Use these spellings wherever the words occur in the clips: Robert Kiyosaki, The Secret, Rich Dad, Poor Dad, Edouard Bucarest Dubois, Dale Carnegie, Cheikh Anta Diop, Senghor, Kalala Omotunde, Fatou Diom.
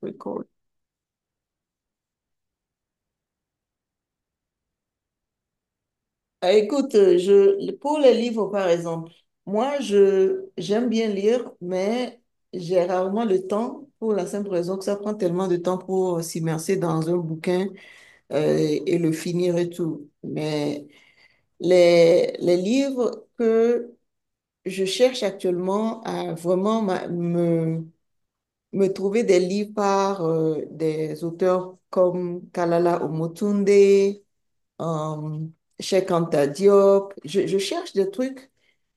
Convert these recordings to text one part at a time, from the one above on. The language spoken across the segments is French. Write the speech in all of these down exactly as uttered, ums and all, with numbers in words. Record. Ah, Écoute, euh, je, pour les livres, par exemple, moi, je, j'aime bien lire, mais j'ai rarement le temps pour la simple raison que ça prend tellement de temps pour s'immerser dans un bouquin euh, et le finir et tout. Mais les, les livres que je cherche actuellement à vraiment ma- me, me trouver des livres par euh, des auteurs comme Kalala Omotunde, euh, Cheikh Anta Diop. Je, je cherche des trucs,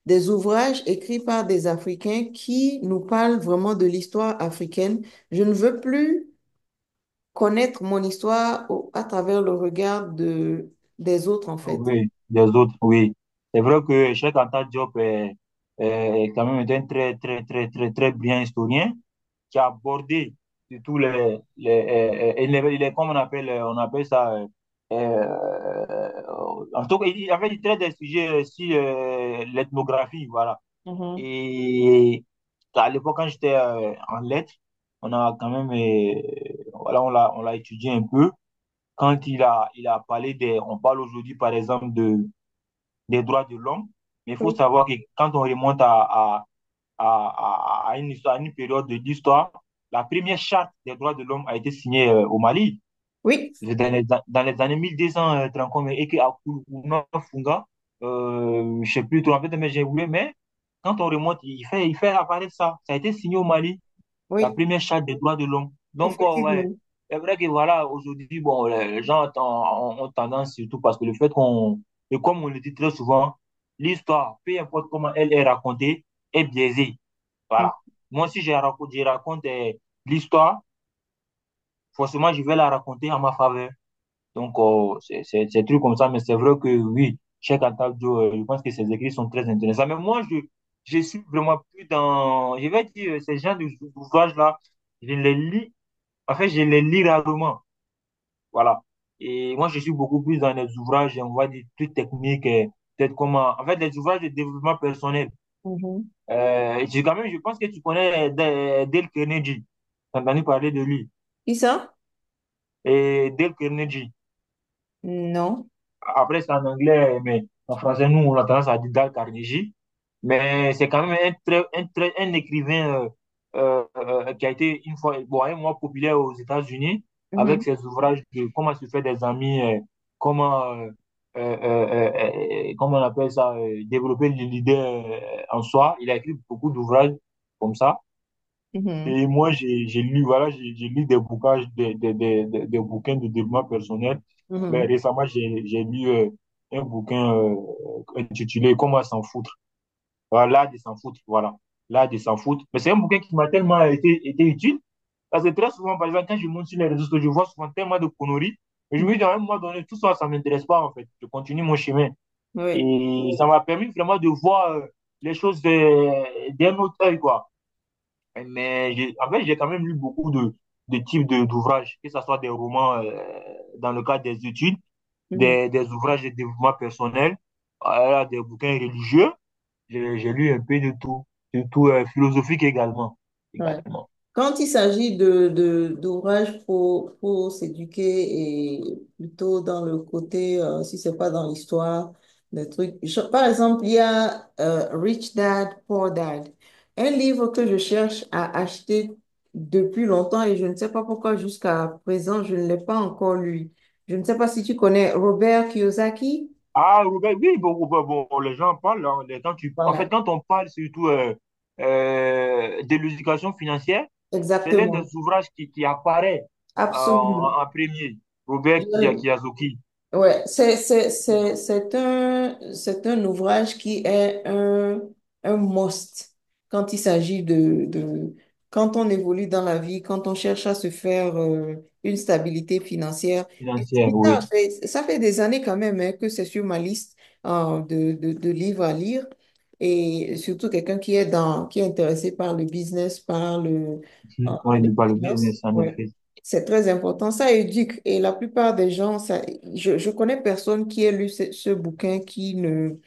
des ouvrages écrits par des Africains qui nous parlent vraiment de l'histoire africaine. Je ne veux plus connaître mon histoire au- à travers le regard de, des autres, en fait. Oui, des autres, oui. C'est vrai que Cheikh Anta Diop est, est quand même un très, très, très, très, très brillant historien qui a abordé tous les, les, euh, euh, il est, il est comme on appelle, euh, on appelle ça, euh, euh, en tout cas, il, il- en il traite des sujets sur euh, l'ethnographie, voilà. Mhm. Et à l'époque, quand j'étais euh, en lettres, on a quand même, euh, voilà, on l'a, on l'a étudié un peu. Quand il a, il a parlé des, on parle aujourd'hui, par exemple, de des droits de l'homme. Mais il faut Oui, savoir que quand on remonte à, à, à, à une, histoire, à une période de l'histoire, la première charte des droits de l'homme a été signée euh, au Mali oui, dans les, dans les années mille deux cent trente et que à Funga, euh, je ne sais plus trop en fait, mais j'ai oublié, mais quand on remonte, il fait, il fait apparaître ça. Ça a été signé au Mali la oui, première charte des droits de l'homme. Donc, euh, ouais, effectivement. c'est vrai que voilà, aujourd'hui, bon, les gens ont, ont- tendance, surtout parce que le fait qu'on, et comme on le dit très souvent, l'histoire, peu importe comment elle est racontée, est biaisée. Mhm. Voilà. Moi, si je raconte, je raconte euh, l'histoire, forcément, je vais la raconter en ma faveur. Donc, euh, c'est c'est- c'est des comme ça, mais c'est vrai que oui, Cheikh Anta Diop, euh, je pense que ses écrits sont très intéressants. Mais moi, je, je suis vraiment plus dans, je vais dire, euh, ces gens d'ouvrages-là, je les lis en fait, je les lis rarement. Voilà. Et moi, je suis beaucoup plus dans les ouvrages, on va dire, plus techniques, euh, peut-être comment. En fait, les ouvrages de développement personnel. Mhm. Euh, et j'ai quand même, je pense que tu connais euh, Dale Carnegie. T'as entendu parler de lui. Qui ça? Et Dale Carnegie. Non. Après, c'est en anglais, mais en français, nous, on a tendance à dire Dale Carnegie. Mais c'est quand même un, très, un, très- un écrivain euh, euh, euh, qui a été une fois, bon, un mois populaire aux États-Unis avec Mhm. ses ouvrages de Comment se faire des amis, euh, comment, euh, euh, euh, euh, euh, comment on appelle ça, euh, développer l'idée en soi. Il a écrit beaucoup d'ouvrages comme ça. Mhm. Et moi, j'ai j'ai lu, voilà, j'ai j'ai lu des bouquins, des, des, des, des- des bouquins de développement personnel. Là, Mhm. récemment, j'ai j'ai lu euh, un bouquin euh, intitulé Comment s'en foutre. Voilà, l'art de s'en foutre, voilà. L'art de s'en foutre. Mais c'est un bouquin qui m'a tellement été, été utile. Parce que très souvent, par exemple, quand je monte sur les réseaux sociaux, je vois souvent tellement de conneries. Et je Mhm. me dis, à un moment donné, tout ça, ça ne m'intéresse pas, en fait. Je continue mon chemin. Oui. Et ça m'a permis vraiment de voir euh, les choses euh, d'un autre œil, quoi. Mais j'ai- en fait, j'ai quand même lu beaucoup de, de types de, d'ouvrages, que ce soit des romans euh, dans le cadre des études, Mhm. des, des ouvrages de développement personnel, euh, des bouquins religieux. J'ai j'ai lu un peu de tout, surtout euh, philosophique également, Oui. également. Quand il s'agit de, de- d'ouvrages pour, pour s'éduquer et plutôt dans le côté, euh, si c'est pas dans l'histoire, des trucs. Je- par exemple, il y a euh, Rich Dad, Poor Dad, un livre que je cherche à acheter depuis longtemps et je ne sais pas pourquoi jusqu'à présent, je ne l'ai pas encore lu. Je ne sais pas si tu connais Robert Kiyosaki. Ah, Robert, oui, bon, bon, bon, bon, bon, les gens parlent, hein, les- quand tu, en fait, Voilà, quand on parle surtout euh, euh, de l'éducation financière, c'est l'un exactement, des ouvrages qui, qui apparaît euh, absolument. en, en premier, Robert Kiya- Je- Kiyosaki, Ouais, c'est, c'est, c'est, c'est un, c'est un ouvrage qui est un, un must quand il s'agit de, de, quand on évolue dans la vie, quand on cherche à se faire euh, une stabilité financière. Et c'est financière, oui. bizarre, c'est- ça fait des années quand même hein, que c'est sur ma liste euh, de, de, de livres à lire. Et surtout quelqu'un qui est dans, qui est intéressé par le business, par le, euh, Oui, le, les bah, le finances. business, en Ouais. effet. C'est très important, ça éduque. Et la plupart des gens, ça, je, je connais personne qui ait lu ce, ce bouquin qui ne,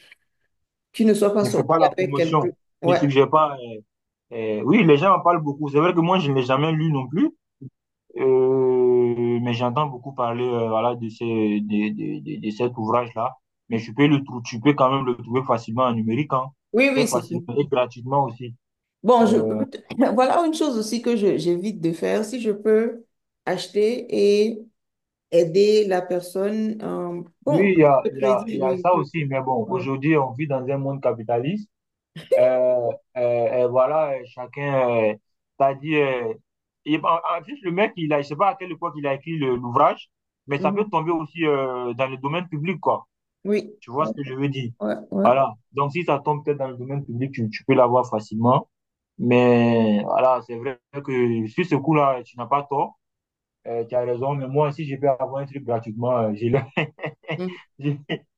qui ne soit pas Ne fais pas sorti la avec quelqu'un. promotion. Ne Ouais. suggère pas. euh, euh, oui, les gens en parlent beaucoup. C'est vrai que moi, je ne l'ai jamais lu non plus. Euh, mais j'entends beaucoup parler euh, voilà, de, ces, de, de, de, de cet ouvrage-là. Mais tu peux, le, trou- tu peux quand même le trouver facilement en numérique. Hein. Oui, Très oui, c'est facilement tout. et gratuitement aussi. Bon, je, Euh, voilà une chose aussi que je- j'évite de faire. Si je peux acheter et aider la personne, euh, oui, bon, il y a, le il y a, il crédit, y a oui. ça je- aussi. Mais bon, ouais. aujourd'hui, on vit dans un monde capitaliste. Euh, euh, euh, voilà, euh, chacun, t'as dit, euh, il- en, en plus, le mec, il a, je sais pas à quelle époque il a écrit le- l'ouvrage, mais ça peut Mhm. tomber aussi euh, dans le domaine public, quoi. Oui, Tu vois ce que je veux dire? ouais, ouais. Voilà. Donc, si ça tombe peut-être dans le domaine public, tu, tu peux l'avoir facilement. Mais voilà, c'est vrai que sur ce coup-là, tu n'as pas tort. Euh, tu as raison. Mais moi, si je peux avoir un truc gratuitement, euh, je le, Ouais. je,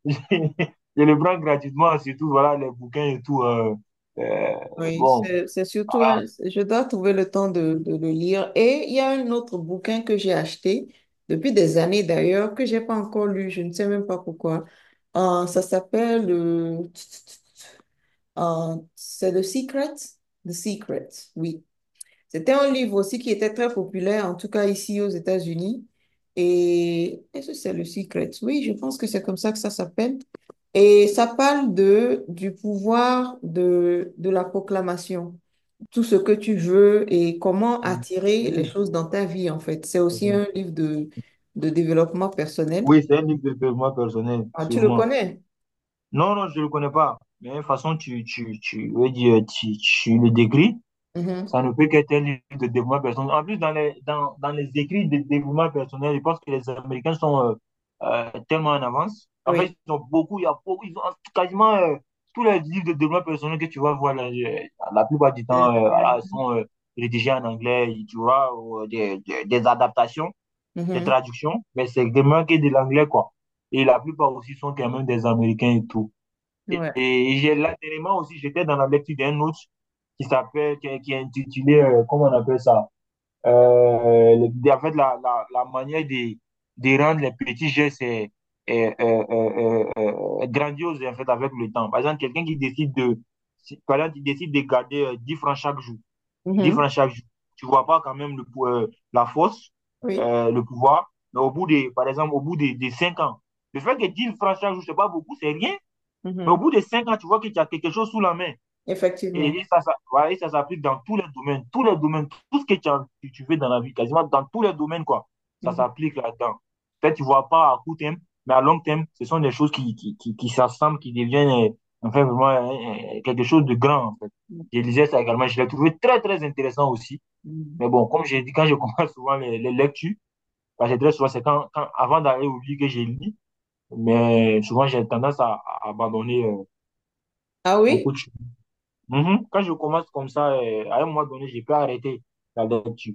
je- je le prends gratuitement, surtout, voilà, les bouquins et tout. euh, euh, Oui, bon. c'est c'est surtout, Ah, un- je dois trouver le temps de, de le lire. Et il y a un autre bouquin que j'ai acheté depuis des années d'ailleurs, que j'ai pas encore lu, je ne sais même pas pourquoi. Euh, ça s'appelle, euh, euh, c'est The Secret? The Secret, oui. C'était un livre aussi qui était très populaire, en tout cas ici aux États-Unis. Et est-ce que c'est le Secret? Oui, je pense que c'est comme ça que ça s'appelle. Et ça parle de, du pouvoir de, de la proclamation tout ce que tu veux et comment attirer les oui, choses dans ta vie, en fait. C'est aussi un livre de, de développement personnel. oui, c'est un livre de développement personnel, Ah, tu le sûrement. connais? Non, non, je ne le connais pas. Mais de toute façon, tu, tu, tu, veux dire, tu, tu le décris. Mhm. Ça ne peut qu'être un livre de développement personnel. En plus, dans les, dans, dans les écrits de développement personnel, je pense que les Américains sont euh, euh, tellement en avance. En Oui. fait, ils ont beaucoup, il y a beaucoup, ils ont quasiment euh, tous les livres de développement personnel que tu vas voir, là, euh, la plupart du C'est temps, euh, des voilà, sont euh, rédigés en anglais, tu vois, ou, euh, des, des des adaptations, des Américains. traductions, mais c'est vraiment que de l'anglais, quoi. Et la plupart aussi sont quand même des Américains et tout. Mhm. Et, Ouais. et j'ai là, aussi, j'étais dans la lecture d'un autre qui s'appelle, qui, qui est intitulé, euh, comment on appelle ça? Euh, le- en fait, la, la, la manière de, de rendre les petits gestes euh, euh, euh, euh, euh, grandioses, en fait, avec le temps. Par exemple, quelqu'un qui décide de, si- par exemple, qui décide de garder euh, dix francs chaque jour dix Mhm. francs chaque jour. Tu ne vois pas quand même le, euh, la force, Oui. euh, le pouvoir. Mais au bout des, par exemple, au bout des, des cinq ans, le fait que dix francs chaque jour, ce n'est pas beaucoup, c'est rien. Mais au Mhm. bout des cinq ans, tu vois que tu as quelque chose sous la main. Et, Effectivement. et ça, ça, voilà, et ça s'applique dans tous les domaines, tous les domaines, tout ce que tu, as, que tu fais dans la vie, quasiment dans tous les domaines, quoi. Ça Mhm. s'applique là-dedans. Peut-être tu ne vois pas à court terme, mais à long terme, ce sont des choses qui, qui, qui, qui s'assemblent, qui deviennent enfin vraiment euh, euh, quelque chose de grand, en fait. Je lisais ça également, je l'ai trouvé très, très intéressant aussi. Mhm. Mais bon, comme j'ai dit, quand je commence souvent les, les lectures, parce que très souvent, c'est quand, quand, avant d'aller au lit que je lis, mais souvent, j'ai tendance à, à abandonner euh, Ah mon oui? coach. Mm -hmm. Quand je commence comme ça, euh, à un moment donné, je peux arrêter la lecture.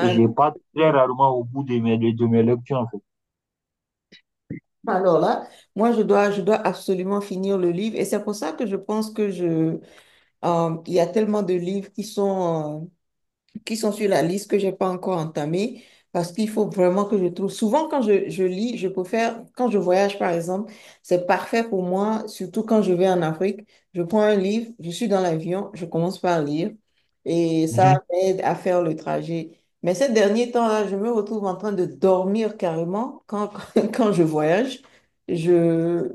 Et j'ai pas très non. rarement au bout de mes, de, de mes lectures, en fait. Alors là, moi, je dois, je dois absolument finir le livre et c'est pour ça que je pense que je, euh, il y a tellement de livres qui sont... euh, qui sont sur la liste que j'ai pas encore entamée parce qu'il faut vraiment que je trouve. Souvent, quand je, je lis, je préfère, quand je voyage par exemple, c'est parfait pour moi, surtout quand je vais en Afrique. Je prends un livre, je suis dans l'avion, je commence par lire et Mm ça -hmm. m'aide à faire le trajet. Mais ces derniers temps-là, je me retrouve en train de dormir carrément quand, quand je voyage. Je,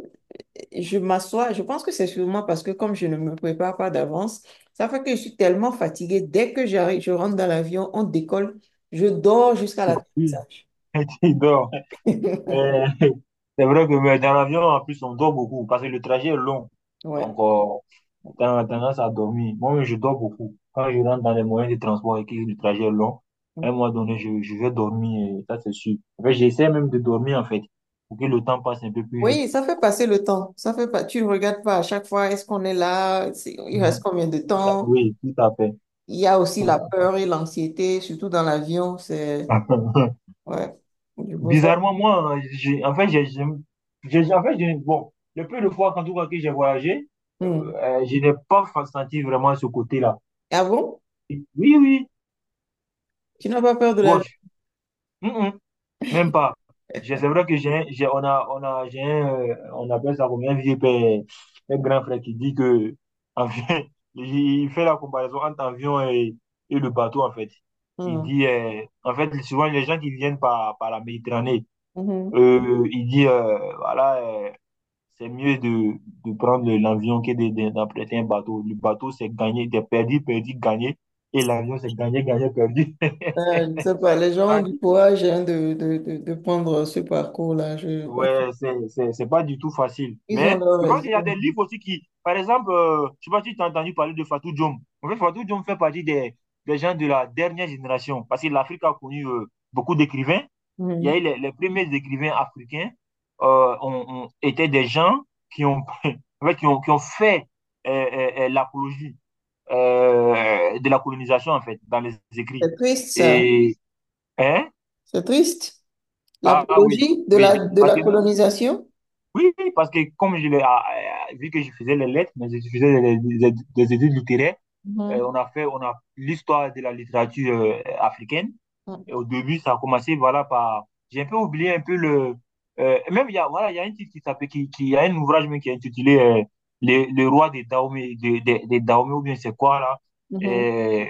je m'assois, je pense que c'est sûrement parce que comme je ne me prépare pas d'avance, ça fait que je suis tellement fatiguée. Dès que j'arrive, je rentre dans l'avion, on décolle, je dors jusqu'à C'est tout. l'atterrissage. Et donc, Euh, c'est vrai que mais dans l'avion, en plus, on dort beaucoup parce que le trajet est long. Donc, Ouais. euh, on a tendance à dormir. Moi, oui, je dors beaucoup. Quand je rentre dans les moyens de transport et que le trajet est long, à un moment donné, je, je vais dormir, et ça c'est sûr. En fait, j'essaie même de dormir, en fait, pour que le temps passe un peu plus vite. Oui, ça fait passer le temps. Ça fait pas, tu ne regardes pas à chaque fois, est-ce qu'on est là? C'est- Il reste Mhm. combien de temps? Oui, tout à fait. Il y a aussi Tout la à peur et l'anxiété, surtout dans l'avion. C'est, fait. ouais, je préfère. Bizarrement, moi, j'ai, en fait, j'ai, j'ai- j'ai- en fait, j'ai, bon, le peu de fois, en tout cas, que j'ai voyagé, euh, Hmm. euh, je n'ai pas fa- senti vraiment ce côté-là. Ah bon? Oui, oui, Tu n'as pas peur de l'avion? gauche. Mm, mm, même pas. Je- C'est vrai que j'ai, j'ai, on a, on a, j'ai, un, euh, on appelle ça comme un vieux père, un grand frère qui dit que, en fait, il il fait la comparaison entre avion et, et le bateau, en fait. Il Hmm. dit, euh, en fait, souvent, les gens qui viennent par, par la Méditerranée, Mhm. euh, il dit, euh, voilà, euh, c'est mieux de, de prendre l'avion que de- de- d'emprunter un bateau. Le bateau, c'est gagner, c'est perdu, perdu, gagné. Et l'avion, c'est gagné, gagné, perdu. Euh, je ne sais pas, les gens ont du courage hein, de, de, de, de prendre ce parcours-là. Je... Ouais, c'est, c'est, c'est pas du tout facile. Ils ont Mais leur je pense qu'il y a des raison. livres aussi qui, par exemple, euh, je sais pas si tu as entendu parler de Fatou Diom. En fait, Fatou Diom fait partie des, des gens de la dernière génération parce que l'Afrique a connu euh, beaucoup d'écrivains. Il y a Mhm. eu les, les premiers écrivains africains euh, ont, ont- étaient des gens qui ont, en fait, qui ont, qui ont fait euh, euh, euh, l'apologie euh, de la colonisation, en fait, dans les écrits. C'est triste, ça. Et, hein? C'est triste. Ah, ah oui, L'apologie de oui. la, de Parce la que colonisation. oui, oui, parce que comme je l'ai, ah, ah, vu que je faisais les lettres, mais je faisais des, des- des études littéraires, euh, Mhm, on a fait, on a l'histoire de la littérature euh, africaine. Et au début, ça a commencé voilà, par. J'ai un peu oublié un peu le. euh, même, il y a, voilà, il y a un titre qui s'appelle. Qui, qui, il y a un ouvrage même qui est intitulé euh, les, les rois des Dahomey, des, des, des Dahomey, ou bien c'est quoi là. mhm, Et,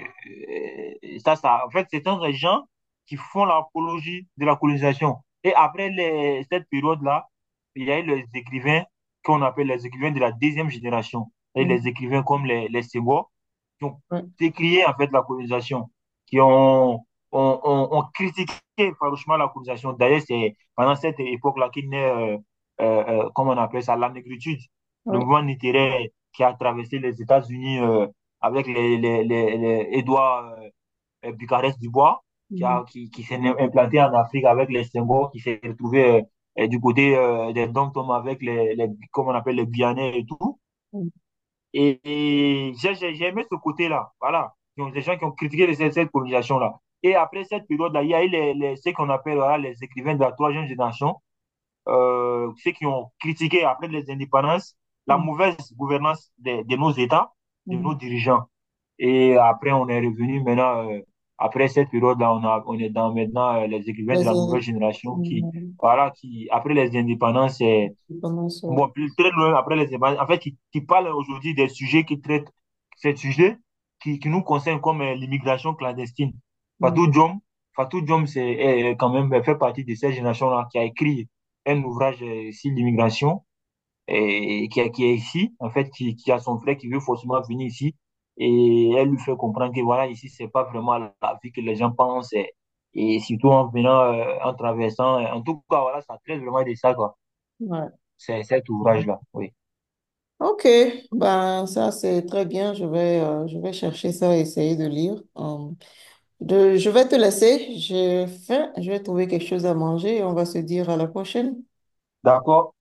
et ça, ça, en fait, c'est un des gens qui font l'apologie de la colonisation. Et après les, cette période-là, il y a eu les écrivains qu'on appelle les écrivains de la deuxième génération. Et mhm, les mhm, écrivains comme les, les Senghor, qui ont ouais, décrié en fait la colonisation, qui ont on, on, on critiquait farouchement la colonisation. D'ailleurs, c'est pendant cette époque-là qu'il naît, euh, euh, euh, comment on appelle ça, la négritude, le ouais, mouvement littéraire qui a traversé les États-Unis euh, avec les, les, les, les Edouard Bucarest Dubois, qui, mhm, a, qui, qui s'est implanté en Afrique avec les Senghor, qui s'est retrouvé euh, du côté euh, des Dom avec les, les, comment on appelle, les Guyanais et tout. mhm, Et, et j'ai ai aimé ce côté-là. Voilà. Donc, les gens qui ont critiqué cette, cette colonisation-là. Et après cette période-là, il y a eu les, les, ce qu'on appelle voilà, les écrivains de la troisième génération, euh, ceux qui ont critiqué après les indépendances la mhm, mauvaise gouvernance de, de, nos États, de nos mhm, dirigeants. Et après, on est revenu maintenant, euh, après cette période-là, on, a, on est dans maintenant euh, les écrivains de Les la nouvelle in- génération qui, Mhm. voilà, qui après les indépendances, euh, indépendances. Euh, bon, puis très loin après les évangiles. En fait, qui, qui parle aujourd'hui des sujets qui traitent ces sujets qui, qui nous concernent comme euh, l'immigration clandestine. mhm. Fatou Diom, Fatou Diom, c'est est quand même fait partie de cette génération-là qui a écrit un ouvrage euh, sur l'immigration et qui, est- qui est ici, en fait, qui, qui a son frère qui veut forcément venir ici. Et elle lui fait comprendre que voilà, ici, c'est pas vraiment la vie que les gens pensent. Et, et surtout en venant, euh, en traversant. En tout cas, voilà, ça traite vraiment de ça, quoi. ouais. C'est cet ouvrage-là, oui. Ok, ben ça c'est très bien. Je vais, euh, je vais chercher ça et essayer de lire. Euh, Je, je vais te laisser. J'ai faim. Je vais trouver quelque chose à manger et on va se dire à la prochaine. D'accord?